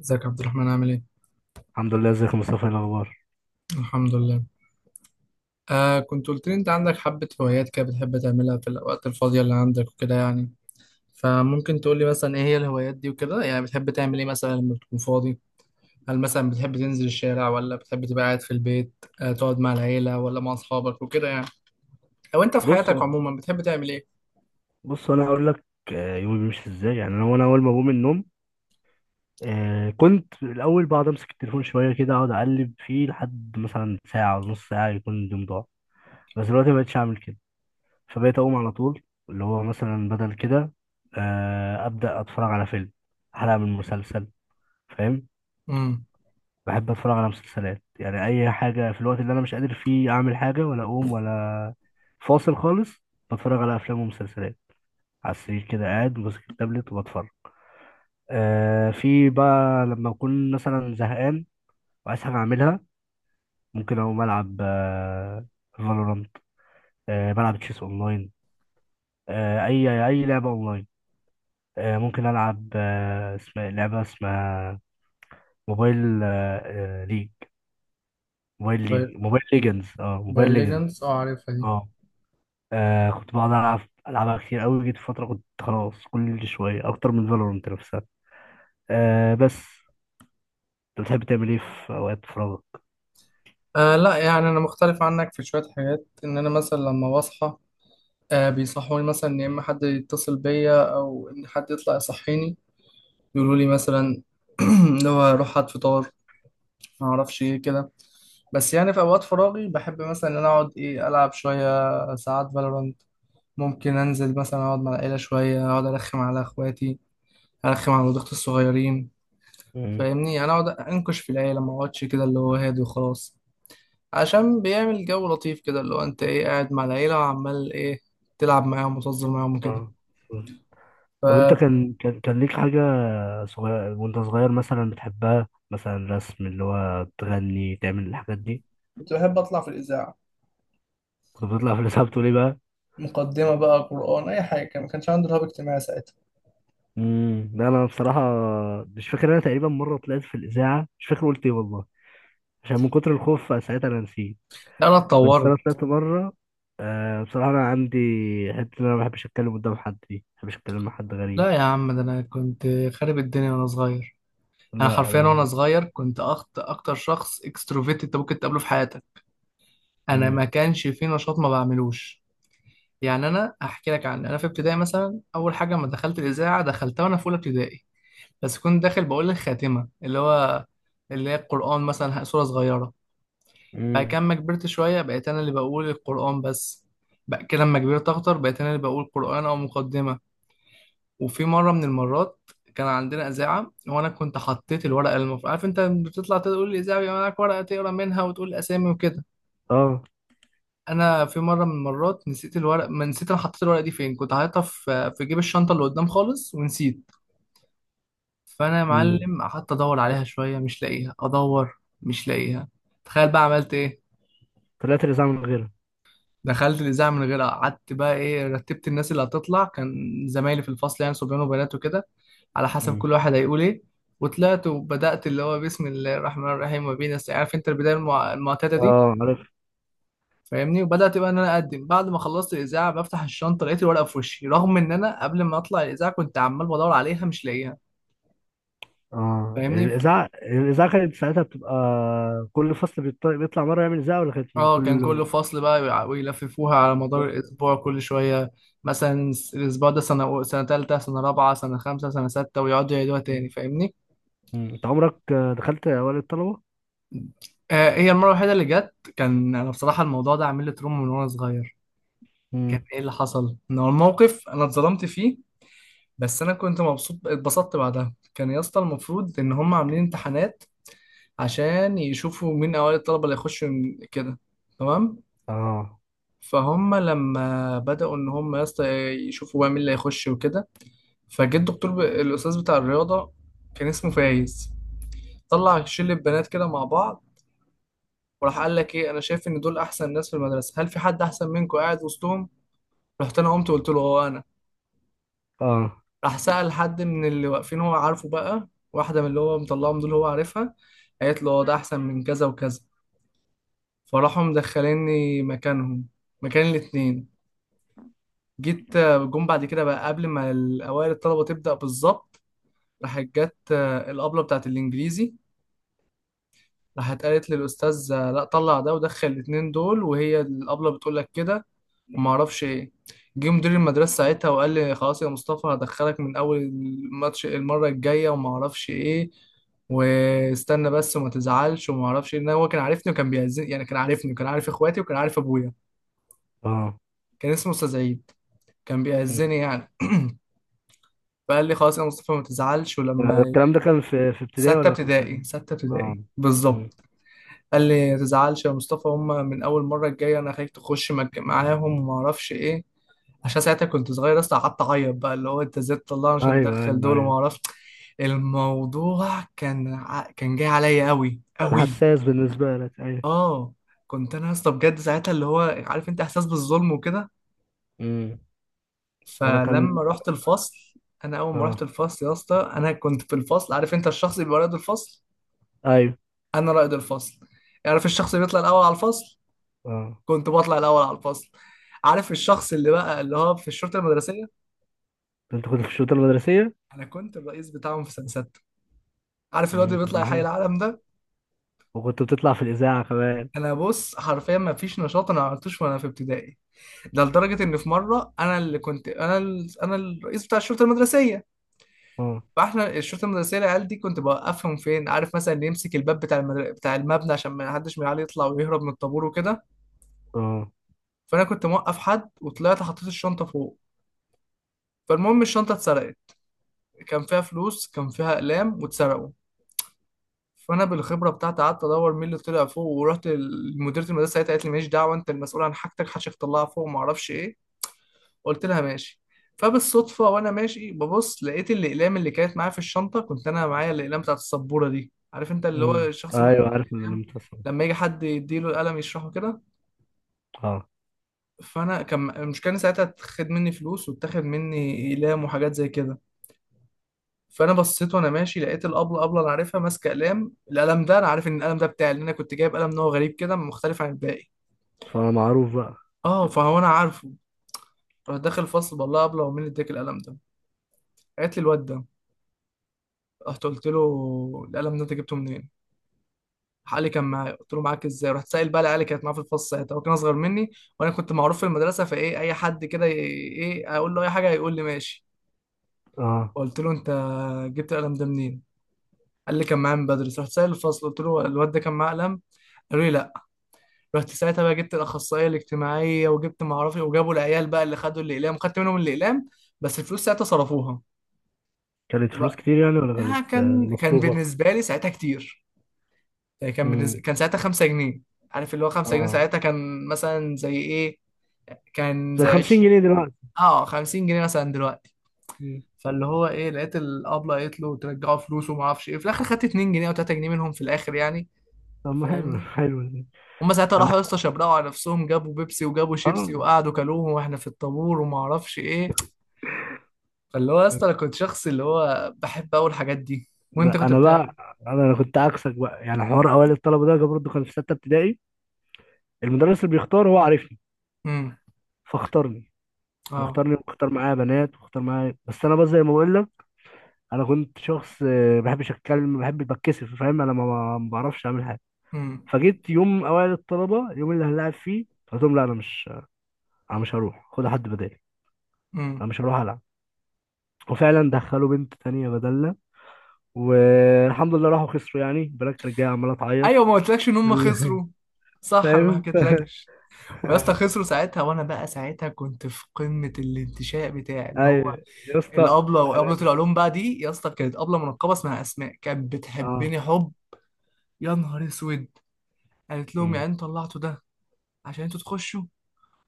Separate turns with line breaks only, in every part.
ازيك يا عبد الرحمن عامل ايه؟
الحمد لله. ازيك يا مصطفى؟ ايه الاخبار؟
الحمد لله. آه، كنت قلت لي انت عندك حبة هوايات كده بتحب تعملها في الأوقات الفاضية اللي عندك وكده يعني. فممكن تقول لي مثلا ايه هي الهوايات دي وكده؟ يعني بتحب تعمل ايه مثلا لما بتكون فاضي؟ هل مثلا بتحب تنزل الشارع ولا بتحب تبقى قاعد في البيت، آه، تقعد مع العيلة ولا مع أصحابك وكده يعني؟ أو انت في
بص،
حياتك عموما بتحب تعمل ايه؟
بص، انا هقول لك. يومي بيمشي ازاي؟ يعني وانا اول ما بقوم من النوم، كنت الاول بقعد امسك التليفون شويه كده، اقعد اقلب فيه لحد مثلا ساعه ونص، ساعه يكون اليوم ضاع. بس دلوقتي ما بقتش اعمل كده، فبقيت اقوم على طول، اللي هو مثلا بدل كده ابدا اتفرج على فيلم، حلقه من مسلسل، فاهم.
امم
بحب اتفرج على مسلسلات، يعني اي حاجه في الوقت اللي انا مش قادر فيه اعمل حاجه ولا اقوم ولا. فاصل خالص، بتفرج على افلام ومسلسلات، على السرير كده قاعد ماسك التابلت وبتفرج. في بقى لما أكون مثلا زهقان وعايز حاجة أعملها، ممكن أقوم ألعب فالورانت، بلعب تشيس أونلاين، أي لعبة أونلاين، ممكن ألعب، اسمها لعبة اسمها موبايل آه آه، ليج موبايل ليج موبايل ليجنز اه
موبايل
موبايل ليجنز
ليجندز، اه عارفها دي.
اه. كنت بقعد ألعب، ألعبها كتير أوي، جيت فترة كنت خلاص كل شوية أكتر من فالورانت نفسها. بس، أنت بتحب تعمل إيه في أوقات فراغك؟
آه، لا يعني انا مختلف عنك في شوية حاجات، ان انا مثلا لما بصحى، بيصحوني مثلا إن يا إما حد يتصل بيا أو إن حد يطلع يصحيني، يقولوا لي مثلا اللي هو روح هات فطار ما أعرفش إيه كده. بس يعني في أوقات فراغي بحب مثلا إن أنا أقعد، إيه، ألعب شوية ساعات فالورانت. ممكن أنزل مثلا أقعد مع العيلة شوية، أقعد أرخم على إخواتي، أرخم على ولاد أختي الصغيرين.
مم.
فاهمني، أنا أقعد أنكش في العيلة، ما أقعدش كده اللي هو هادي وخلاص، عشان بيعمل جو لطيف كده، اللي هو أنت إيه قاعد مع العيلة وعمال إيه، تلعب معاهم وتهزر معاهم وكده.
اه. مم. طب انت كان ليك حاجة وانت صغير مثلا بتحبها، مثلا رسم، اللي هو تغني، تعمل الحاجات دي؟
كنت بحب اطلع في الاذاعه.
كنت بتطلع في الإذاعة، بتقول ايه بقى؟
مقدمه بقى، قران، اي حاجه. ما كانش عندي رهاب اجتماعي ساعتها.
لا، انا بصراحة مش فاكر، انا تقريبا مرة طلعت في الإذاعة، مش فاكر قلت ايه والله، عشان من كتر الخوف ساعتها انا نسيت.
لا انا
بس
اتطورت.
انا طلعت مرة. بصراحة انا عندي حتة ان انا ما بحبش اتكلم قدام حد، دي ما بحبش اتكلم مع حد غريب.
لا يا عم، ده انا كنت خارب الدنيا وانا صغير. انا
لا
حرفيا وانا
انا.
صغير كنت أخت اكتر شخص اكستروفيت انت ممكن تقابله في حياتك. انا
امم.
ما كانش في نشاط ما بعملوش. يعني انا احكي لك، عن انا في ابتدائي مثلا اول حاجه لما دخلت الاذاعه دخلتها وانا في اولى ابتدائي، بس كنت داخل بقول الخاتمه، اللي هو اللي هي القران، مثلا سوره صغيره. بعد
مم.
كده لما كبرت شوية بقيت أنا اللي بقول القرآن بس. بعد كده لما كبرت أكتر بقيت أنا اللي بقول قرآن أو مقدمة. وفي مرة من المرات كان عندنا إذاعة وأنا كنت حطيت الورقة، المفروض عارف أنت لما بتطلع تقول الإذاعة بيبقى معاك ورقة تقرا منها وتقول أسامي وكده.
اه.
أنا في مرة من المرات نسيت الورق، ما نسيت، أنا حطيت الورقة دي فين، كنت حاططها في جيب الشنطة اللي قدام خالص ونسيت. فأنا يا
امم.
معلم قعدت أدور عليها شوية مش لاقيها، أدور مش لاقيها. تخيل بقى عملت إيه.
طلعت الإذاعة من
دخلت الاذاعه من غيرها، قعدت بقى ايه، رتبت الناس اللي هتطلع، كان زمايلي في الفصل يعني صبيان وبنات وكده، على حسب
غيرها.
كل واحد هيقول ايه. وطلعت وبدات اللي هو بسم الله الرحمن الرحيم وبينا نستعين، عارف انت البدايه المعتاده دي.
اه، عارف.
فاهمني، وبدات بقى ان انا اقدم. بعد ما خلصت الاذاعه بفتح الشنطه لقيت الورقه في وشي، رغم ان انا قبل ما اطلع الاذاعه كنت عمال بدور عليها مش لاقيها.
اه،
فاهمني.
الاذاعه كانت ساعتها بتبقى كل فصل بيطلع مره يعمل اذاعه، ولا كانت من
اه، كان
كل؟
كل فصل بقى ويلففوها على مدار الأسبوع كل شوية، مثلا الأسبوع ده سنة سنة تالتة، سنة رابعة، سنة خمسة، سنة ستة، ويقعدوا يعيدوها تاني، فاهمني؟
مم. انت عمرك دخلت اوائل الطلبه؟
آه، هي المرة الوحيدة اللي جت، كان أنا بصراحة الموضوع ده عامل لي تروما من وأنا صغير. كان
مم.
إيه اللي حصل؟ إن هو الموقف أنا اتظلمت فيه، بس أنا كنت مبسوط، اتبسطت بعدها. كان يا اسطى المفروض إن هم عاملين امتحانات عشان يشوفوا مين أوائل الطلبة اللي يخشوا كده، تمام؟
اه.
فهم لما بدأوا إن هم يا اسطى يشوفوا بقى مين اللي هيخش وكده، فجه الدكتور الاستاذ بتاع الرياضه، كان اسمه فايز، طلع شله بنات كده مع بعض، وراح قال لك ايه، انا شايف ان دول احسن ناس في المدرسه، هل في حد احسن منكم قاعد وسطهم؟ رحت انا قمت قلت له هو انا.
اه.
راح سأل حد من اللي واقفين هو عارفه بقى، واحده من اللي هو مطلعهم دول هو عارفها، قالت له اه ده احسن من كذا وكذا، فراحوا مدخليني مكانهم، مكان الاتنين. جيت، جم بعد كده بقى قبل ما الاوائل الطلبه تبدأ بالظبط، راحت جت، الابله بتاعت الانجليزي، راحت قالت للاستاذ لا طلع ده ودخل الاتنين دول، وهي الابله بتقول لك كده وما اعرفش ايه. جه مدير المدرسه ساعتها وقال لي خلاص يا مصطفى هدخلك من اول الماتش المره الجايه وما اعرفش ايه، واستنى بس وما تزعلش وما اعرفش ايه. إن هو كان عارفني وكان بيأذني، يعني كان عارفني وكان عارف اخواتي وكان عارف ابويا،
اه.
كان اسمه استاذ عيد، كان
مم.
بيأذني يعني. فقال لي خلاص يا مصطفى ما تزعلش، ولما
الكلام ده كان في ابتدائي
ستة
ولا كان في إعدادي؟
ابتدائي، ستة
اه.
ابتدائي
مم.
بالظبط. قال لي ما تزعلش يا مصطفى هم من اول مره الجايه، انا خايف تخش معاهم وما اعرفش ايه. عشان ساعتها كنت صغير اصلا، قعدت اعيط بقى، اللي هو انت ازاي تطلعني عشان
ايوه،
تدخل
ايوه،
دول وما
ايوه.
اعرفش. الموضوع كان كان جاي عليا قوي
كان
قوي.
حساس بالنسبه لك، ايوه.
اه، كنت انا اصلا بجد ساعتها اللي هو، عارف انت احساس بالظلم وكده.
مم. انا كان.
فلما رحت الفصل، انا اول ما رحت
اه.
الفصل يا اسطى انا كنت في الفصل، عارف انت الشخص اللي بيبقى رائد الفصل،
ايوه.
انا رائد الفصل. عارف الشخص اللي بيطلع الاول على الفصل،
اه.
كنت بطلع الاول على الفصل. عارف الشخص اللي بقى اللي هو في الشرطه المدرسيه،
انت كنت في الشؤون المدرسيه؟
انا كنت الرئيس بتاعهم في سنه سته. عارف الواد
مم.
اللي
طب
بيطلع
ما
حي
حلو،
العالم ده،
وكنت بتطلع في الاذاعه كمان.
انا بص حرفيا ما فيش نشاط انا ما عملتوش وانا في ابتدائي. ده لدرجه ان في مره انا اللي كنت انا انا الرئيس بتاع الشرطه المدرسيه،
اه.
فاحنا الشرطه المدرسيه العيال دي كنت بوقفهم فين، عارف مثلا اللي يمسك الباب بتاع بتاع المبنى عشان ما حدش من العيال يطلع ويهرب من الطابور وكده.
اه.
فانا كنت موقف حد وطلعت حطيت الشنطه فوق، فالمهم الشنطه اتسرقت، كان فيها فلوس كان فيها اقلام واتسرقوا. فانا بالخبره بتاعتي قعدت ادور مين اللي طلع فوق، ورحت لمديره المدرسه ساعتها قالت لي ماليش دعوه انت المسؤول عن حاجتك، حشك طلعها فوق، ما اعرفش ايه. قلت لها ماشي. فبالصدفه وانا ماشي ببص لقيت الاقلام اللي كانت معايا في الشنطه، كنت انا معايا الاقلام بتاعت السبوره دي، عارف انت اللي هو
امم،
الشخص اللي بيبقى
ايوه،
معاه
عارف ان انا
الأقلام
متصل.
لما يجي حد يديله القلم يشرحه كده.
اه.
فانا كان المشكله إن ساعتها اتخد مني فلوس واتاخد مني اقلام وحاجات زي كده. فانا بصيت وانا ماشي لقيت الابله، ابله انا عارفها، ماسكه قلم، القلم ده انا عارف ان القلم ده بتاعي لان انا كنت جايب قلم نوع غريب كده مختلف عن الباقي.
فمعروف بقى.
اه فهو انا عارفه. رحت داخل الفصل بقول لها ابله هو مين اللي اداك القلم ده، قالت لي الواد ده. رحت قلت له القلم ده انت جبته منين؟ راح قال لي كان معايا، قلت له معاك ازاي؟ رحت سائل بقى العيال اللي كانت معاه في الفصل، ساعتها هو كان اصغر مني، وانا كنت معروف في المدرسه، فايه اي حد كده ايه اقول له اي حاجه هيقول لي ماشي.
اه.
قلت له انت جبت القلم ده منين؟ قال لي كان معايا من بدري. رحت سائل الفصل، قلت له الواد ده كان معاه قلم؟ قالوا لي لا. رحت ساعتها بقى جبت الاخصائيه الاجتماعيه وجبت ما اعرفش إيه، وجابوا العيال بقى اللي خدوا الاقلام، خدت منهم الاقلام، بس الفلوس ساعتها صرفوها.
كانت فلوس
وبقى
كتير يعني، ولا
آه،
كانت
كان كان
مصروفة؟
بالنسبه لي ساعتها كتير، يعني كان
امم.
بالنسبة كان ساعتها 5 جنيه. عارف اللي هو 5 جنيه
اه،
ساعتها كان مثلا زي ايه؟ كان
زي
زي
50
20.
جنيه دلوقتي.
اه 50 جنيه مثلا دلوقتي.
مم.
فاللي هو ايه، لقيت الابله قالت له ترجعوا فلوسه وما اعرفش ايه، في الاخر خدت 2 جنيه او 3 جنيه منهم في الاخر يعني.
طب ما حلو،
فاهمني،
حلو ده.
هما ساعتها
انا
راحوا يا اسطى شبرقوا على نفسهم، جابوا بيبسي وجابوا شيبسي
اه
وقعدوا كلوهم واحنا في الطابور وما اعرفش ايه. فاللي هو يا اسطى انا كنت شخص اللي هو بحب اول الحاجات دي. وانت
لا،
كنت
انا
بتعمل
بقى، أنا كنت عكسك بقى، يعني حوار اوائل الطلبه ده جاب برضه، كان في سته ابتدائي. المدرس اللي بيختار هو عارفني،
امم
فاختارني،
اه
واختارني واختار معايا بنات، واختار معايا بس انا بقى زي ما بقول لك، انا كنت شخص ما بحبش اتكلم، ما بحبش بتكسف فاهم، انا ما بعرفش اعمل.
امم
فجيت يوم اوائل الطلبه، اليوم اللي هنلعب فيه، قلت لهم لا، انا مش هروح، خد حد بدالي،
امم
انا مش هروح العب. وفعلا دخلوا بنت تانية بدلنا، والحمد لله راحوا خسروا، يعني البنات كانت جايه عماله تعيط.
ايوه. ما قلتلكش ان هم
بال-
خسروا؟ صح، انا ما
فاهم.
حكيتلكش. ويا اسطى خسروا ساعتها، وانا بقى ساعتها كنت في قمه الانتشاء بتاعي، اللي هو
ايوه يا اسطى.
الابله وابله
انا.
العلوم بقى دي يا اسطى، كانت ابله منقبه اسمها اسماء كانت
اه.
بتحبني حب، يا نهار اسود، قالت لهم يعني
أمم.
انتوا طلعتوا ده عشان انتوا تخشوا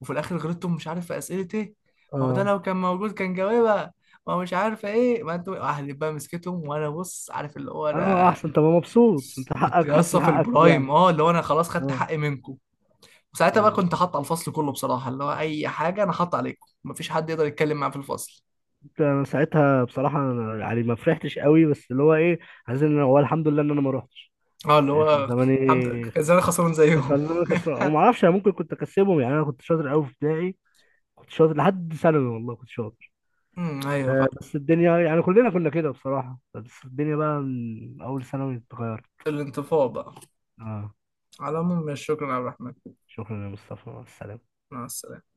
وفي الاخر غلطتم مش عارف في اسئله ايه، ما هو ده
اه.
لو كان موجود كان جاوبها، ما هو مش عارفه ايه، ما انتوا اهلي بقى. مسكتهم وانا بص، عارف اللي هو
اه،
انا
احسن، طب مبسوط، انت
كنت
حقك، حاسس
لسه
ان
في
حقك كده
البرايم،
يعني.
اه اللي هو انا خلاص خدت
اه.
حقي منكم. وساعتها بقى
أمم.
كنت حاطط على الفصل كله بصراحه، اللي هو اي حاجه انا حاطط عليكم، مفيش حد يقدر يتكلم معاه في الفصل.
انت انا ساعتها بصراحه، أنا يعني ما فرحتش قوي، بس اللي هو ايه، عايز ان هو الحمد لله ان انا ما روحتش،
اه اللي
يعني كان
هو الحمد لله
زماني
كان زمان خسران زيهم.
خلوني خسران، وما اعرفش انا ممكن كنت اكسبهم، يعني انا كنت شاطر قوي في ابتدائي، كنت شاطر لحد ثانوي والله كنت شاطر.
ايوه فاهم.
بس الدنيا يعني كلنا كنا كده بصراحة، بس الدنيا بقى من اول ثانوي اتغيرت.
الانطفاء بقى.
اه.
على العموم شكرا عبد الرحمن،
شكرا يا مصطفى، مع السلامة.
مع السلامه.